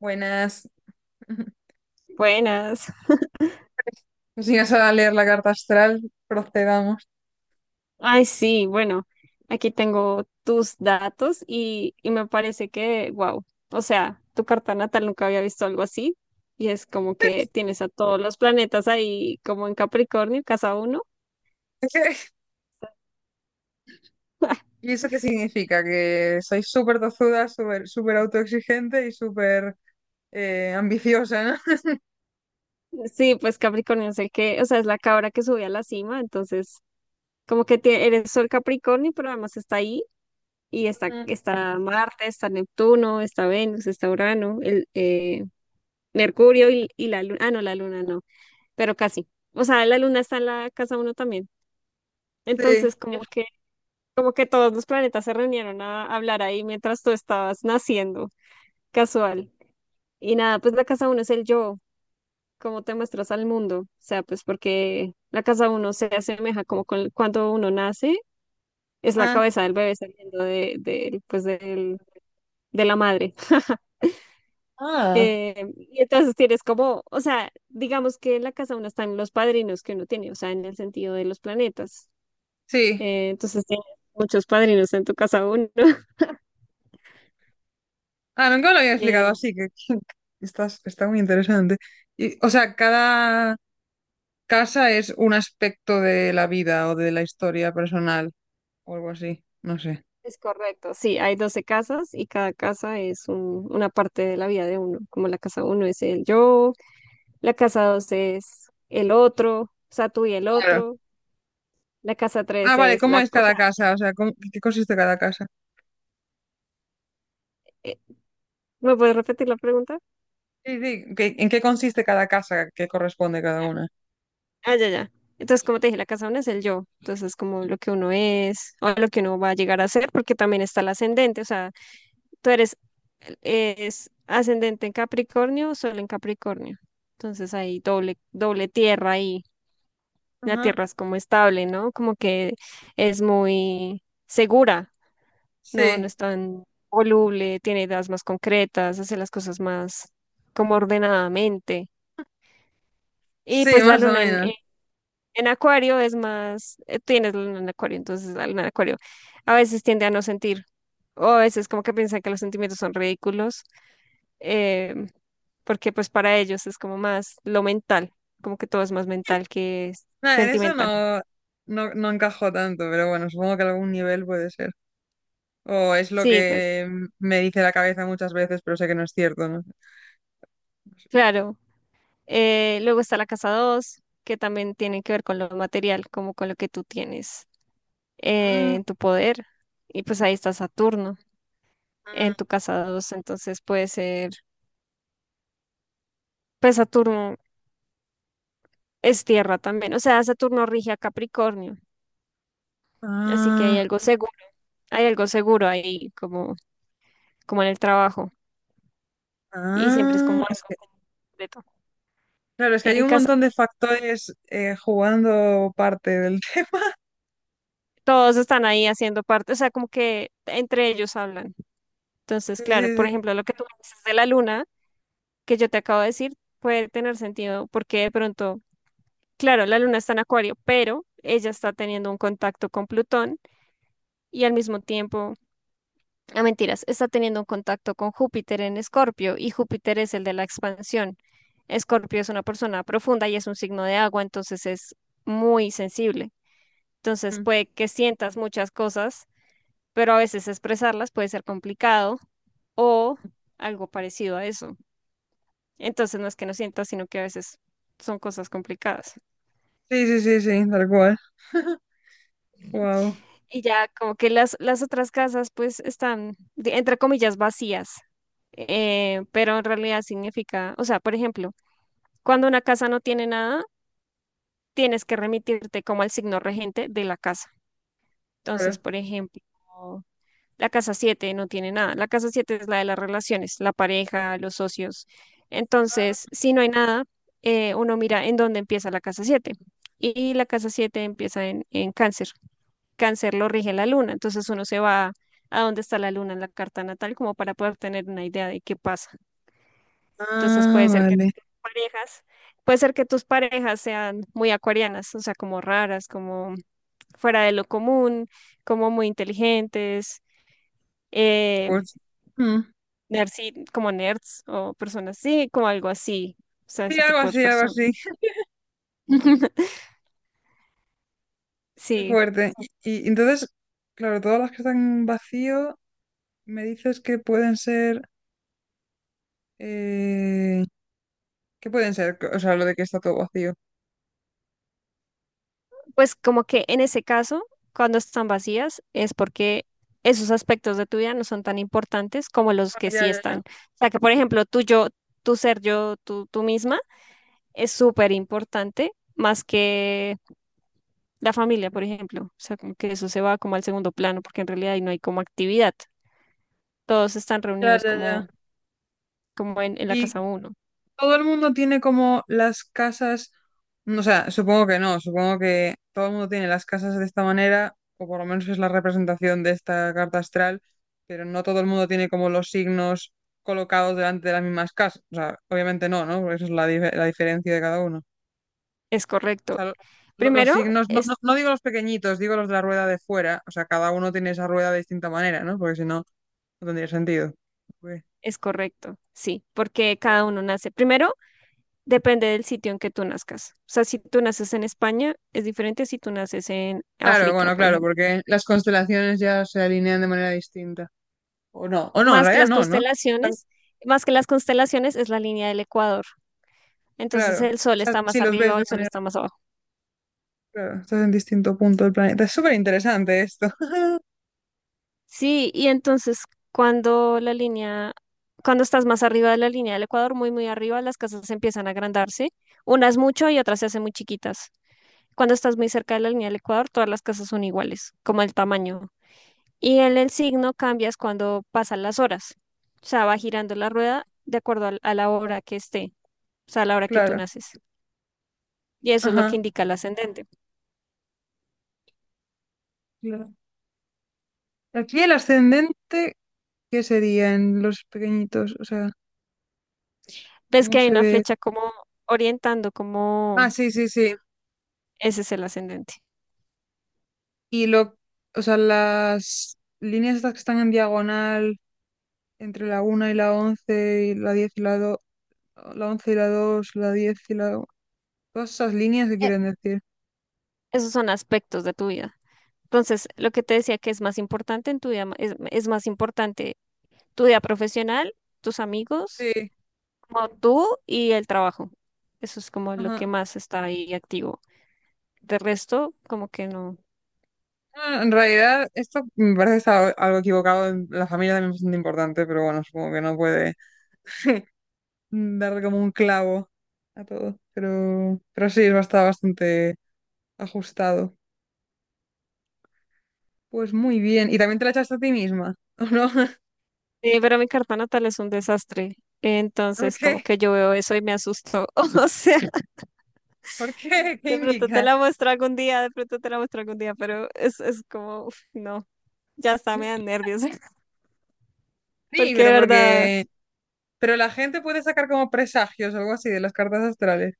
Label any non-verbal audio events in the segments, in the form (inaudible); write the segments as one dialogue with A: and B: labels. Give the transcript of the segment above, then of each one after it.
A: Buenas. (laughs)
B: Buenas.
A: Si vas a leer la carta astral, procedamos.
B: Ay, sí, bueno, aquí tengo tus datos y me parece que, wow, o sea, tu carta natal nunca había visto algo así y es como que tienes a todos los planetas ahí como en Capricornio, casa uno.
A: (laughs)
B: (laughs)
A: ¿Y eso qué significa? Que sois súper tozuda, súper súper autoexigente y súper ambiciosa, ¿no?
B: Sí, pues Capricornio es el que, o sea, es la cabra que sube a la cima, entonces como que eres Sol Capricornio, pero además está ahí y
A: (laughs)
B: está,
A: Ujú.
B: está Marte, está Neptuno, está Venus, está Urano, Mercurio y la luna, ah, no, la luna no, pero casi. O sea, la luna está en la casa uno también.
A: Sí.
B: Entonces, como que todos los planetas se reunieron a hablar ahí mientras tú estabas naciendo, casual. Y nada, pues la casa uno es el yo, cómo te muestras al mundo. O sea, pues porque la casa uno se asemeja como con, cuando uno nace, es la
A: Ah.
B: cabeza del bebé saliendo pues del, de la madre. (laughs)
A: Ah,
B: Y entonces tienes como, o sea, digamos que en la casa uno están los padrinos que uno tiene, o sea, en el sentido de los planetas.
A: sí.
B: Entonces tienes muchos padrinos en tu casa uno. (laughs)
A: Ah, nunca lo había explicado
B: Eh,
A: así, que (laughs) estás, está muy interesante. Y, o sea, cada casa es un aspecto de la vida o de la historia personal o algo así, no sé.
B: es correcto, sí, hay 12 casas y cada casa es una parte de la vida de uno, como la casa uno es el yo, la casa dos es el otro, o sea, tú y el
A: Claro.
B: otro, la casa
A: Ah,
B: tres
A: vale,
B: es
A: ¿cómo
B: la,
A: es
B: o
A: cada
B: sea,
A: casa? O sea, ¿cómo- ¿qué consiste cada casa?
B: eh, ¿me puedes repetir la pregunta?
A: Sí, sí, ¿qué- ¿en qué consiste cada casa que corresponde cada una?
B: Ah, ya, ya. Entonces, como te dije, la casa uno es el yo, entonces como lo que uno es o lo que uno va a llegar a ser, porque también está el ascendente, o sea, tú eres es ascendente en Capricornio, Sol en Capricornio. Entonces hay doble, doble tierra ahí. La
A: Ajá.
B: tierra es como estable, ¿no? Como que es muy segura, no
A: Sí,
B: es tan voluble, tiene ideas más concretas, hace las cosas más como ordenadamente. Y
A: sí,
B: pues la
A: más o
B: luna
A: menos.
B: en Acuario es más, tienes la luna en Acuario, entonces la luna en Acuario a veces tiende a no sentir, o a veces como que piensan que los sentimientos son ridículos, eh, porque pues para ellos es como más lo mental, como que todo es más mental que es
A: Nah, en eso
B: sentimental.
A: no, no, no encajo tanto, pero bueno, supongo que algún nivel puede ser. O es lo
B: Sí, pues
A: que me dice la cabeza muchas veces, pero sé que no es cierto, ¿no?
B: claro. Luego está la casa 2 que también tiene que ver con lo material, como con lo que tú tienes
A: Mm,
B: en tu poder. Y pues ahí está Saturno
A: mm.
B: en tu casa dos, entonces puede ser, pues Saturno es tierra también, o sea, Saturno rige a Capricornio, así que
A: Ah,
B: hay algo seguro ahí como, como en el trabajo y siempre es como
A: ah, es
B: algo
A: que,
B: completo.
A: claro, es que hay
B: En
A: un
B: casa
A: montón de factores jugando parte del (laughs) tema.
B: todos están ahí haciendo parte, o sea, como que entre ellos hablan. Entonces,
A: Sí, sí,
B: claro, por
A: sí.
B: ejemplo, lo que tú me dices de la luna, que yo te acabo de decir, puede tener sentido porque de pronto, claro, la luna está en Acuario, pero ella está teniendo un contacto con Plutón y al mismo tiempo, a mentiras, está teniendo un contacto con Júpiter en Escorpio y Júpiter es el de la expansión. Escorpio es una persona profunda y es un signo de agua, entonces es muy sensible. Entonces
A: Mm.
B: puede que sientas muchas cosas, pero a veces expresarlas puede ser complicado o algo parecido a eso. Entonces no es que no sienta, sino que a veces son cosas complicadas.
A: Sí, sí, sí, sí, tal cual. Wow.
B: Y ya como que las otras casas pues están, entre comillas, vacías, pero en realidad significa, o sea, por ejemplo, cuando una casa no tiene nada, tienes que remitirte como al signo regente de la casa. Entonces,
A: Claro.
B: por ejemplo... La casa 7 no tiene nada. La casa 7 es la de las relaciones, la pareja, los socios. Entonces, si no hay nada, uno mira en dónde empieza la casa siete. Y la casa 7 empieza en cáncer. Cáncer lo rige la luna. Entonces uno se va a dónde está la luna en la carta natal como para poder tener una idea de qué pasa. Entonces
A: Ah,
B: puede ser que
A: vale.
B: tus parejas, puede ser que tus parejas sean muy acuarianas, o sea, como raras, como fuera de lo común, como muy inteligentes. eh,
A: Pues, mm,
B: Nerds, sí, como nerds o personas así, como algo así, o sea,
A: sí,
B: ese
A: algo
B: tipo de
A: así, algo
B: personas.
A: así.
B: (laughs)
A: Qué
B: Sí,
A: fuerte. Y entonces, claro, todas las que están vacío, me dices que pueden ser, eh, ¿qué pueden ser? O sea, lo de que está todo vacío.
B: pues como que en ese caso, cuando están vacías, es porque esos aspectos de tu vida no son tan importantes como los
A: Ah,
B: que
A: ya,
B: sí
A: ya,
B: están.
A: ya.
B: O sea, que por ejemplo, tu yo, tu ser yo, tú misma, es súper importante, más que la familia, por ejemplo. O sea, como que eso se va como al segundo plano, porque en realidad ahí no hay como actividad. Todos están
A: Ya,
B: reunidos
A: ya, ya.
B: como, como en la
A: ¿Y
B: casa uno.
A: todo el mundo tiene como las casas, o sea, supongo que no, supongo que todo el mundo tiene las casas de esta manera, o por lo menos es la representación de esta carta astral, pero no todo el mundo tiene como los signos colocados delante de las mismas casas? O sea, obviamente no, ¿no? Porque esa es la, dif- la diferencia de cada uno. O
B: Es correcto.
A: sea, lo- los
B: Primero,
A: signos, no, no,
B: es,
A: no digo los pequeñitos, digo los de la rueda de fuera, o sea, cada uno tiene esa rueda de distinta manera, ¿no? Porque si no, no tendría sentido. Ok.
B: es correcto, sí, porque cada uno nace. Primero, depende del sitio en que tú nazcas. O sea, si tú naces en España, es diferente si tú naces en
A: Claro,
B: África,
A: bueno,
B: por
A: claro,
B: ejemplo.
A: porque las constelaciones ya se alinean de manera distinta. O no, en
B: Más que
A: realidad
B: las
A: no, ¿no? Tan-
B: constelaciones, más que las constelaciones es la línea del Ecuador. Entonces
A: claro.
B: el
A: O
B: sol
A: sea,
B: está
A: si
B: más
A: los
B: arriba
A: ves
B: o
A: de
B: el sol está
A: manera,
B: más abajo.
A: claro, estás en distinto punto del planeta. Es súper interesante esto. (laughs)
B: Sí, y entonces cuando la línea, cuando estás más arriba de la línea del Ecuador, muy, muy arriba, las casas empiezan a agrandarse, unas mucho y otras se hacen muy chiquitas. Cuando estás muy cerca de la línea del Ecuador, todas las casas son iguales, como el tamaño. Y en el signo cambias cuando pasan las horas. O sea, va girando la rueda de acuerdo a la hora que esté, o sea, a la hora que tú
A: Claro.
B: naces. Y eso es lo que
A: Ajá.
B: indica el ascendente.
A: Claro. Aquí el ascendente, ¿qué sería en los pequeñitos? O sea,
B: Ves
A: ¿cómo
B: que hay
A: se
B: una
A: ve?
B: flecha como orientando, como
A: Ah, sí, sí, sí.
B: ese es el ascendente.
A: Y lo, o sea, las líneas estas que están en diagonal entre la una y la 11 y la 10 y la 2, la 11 y la 2, la 10 y la cosas, líneas que
B: Eh,
A: quieren decir.
B: Esos son aspectos de tu vida. Entonces, lo que te decía que es más importante en tu vida, es más importante tu vida profesional, tus amigos,
A: Sí,
B: como tú y el trabajo. Eso es como lo
A: ajá.
B: que más está ahí activo. De resto, como que no.
A: Ah, en realidad, esto me parece estar algo equivocado. En- la familia también es bastante importante, pero bueno, supongo que no puede (laughs) darle como un clavo a todo. Pero sí, está bastante ajustado. Pues muy bien. ¿Y también te la echaste a ti misma? ¿O no? (laughs)
B: Pero mi carta natal es un desastre.
A: ¿Por
B: Entonces, como
A: qué?
B: que yo veo eso y me asusto. (laughs) O sea,
A: ¿Por qué? ¿Qué
B: de pronto te
A: indica?
B: la muestro algún día, de pronto te la muestro algún día, pero es como, uf, no, ya está, me dan nervios. (laughs)
A: Sí,
B: Porque de
A: pero
B: verdad,
A: porque... Pero la gente puede sacar como presagios o algo así de las cartas astrales.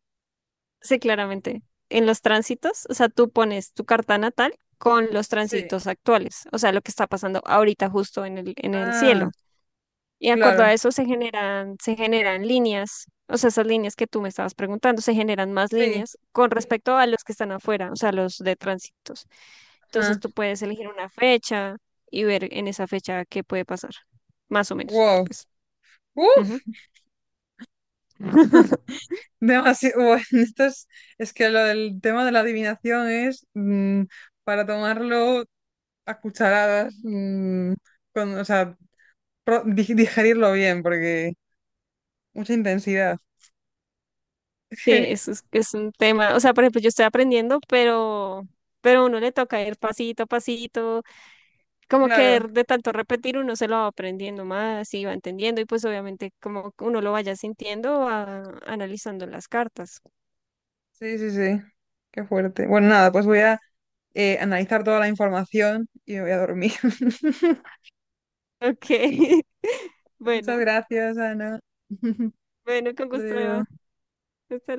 B: sí, claramente, en los tránsitos, o sea, tú pones tu carta natal con los
A: Sí.
B: tránsitos actuales, o sea, lo que está pasando ahorita justo en el
A: Ah,
B: cielo. Y de acuerdo a
A: claro.
B: eso se generan líneas, o sea, esas líneas que tú me estabas preguntando, se generan más
A: Sí.
B: líneas con respecto a los que están afuera, o sea, los de tránsitos. Entonces
A: Ajá.
B: tú puedes elegir una fecha y ver en esa fecha qué puede pasar, más o menos,
A: Wow.
B: pues. Ujú.
A: Uf, (laughs)
B: (laughs)
A: demasiado. Bueno, (laughs) esto es que lo del tema de la adivinación es para tomarlo a cucharadas, mm, con, o sea, pro- di- digerirlo bien, porque mucha intensidad.
B: Sí, eso
A: (laughs)
B: es un tema. O sea, por ejemplo, yo estoy aprendiendo, pero a uno le toca ir pasito a pasito, como que
A: Claro,
B: de tanto repetir uno se lo va aprendiendo más y va entendiendo y pues obviamente como que uno lo vaya sintiendo va analizando las cartas.
A: sí, sí, sí. Qué fuerte. Bueno, nada, pues voy a analizar toda la información y me voy a dormir. (laughs)
B: Ok, (laughs)
A: Muchas
B: bueno,
A: gracias, Ana. (laughs)
B: bueno, con
A: Hasta
B: gusto.
A: luego.
B: Eva. Hasta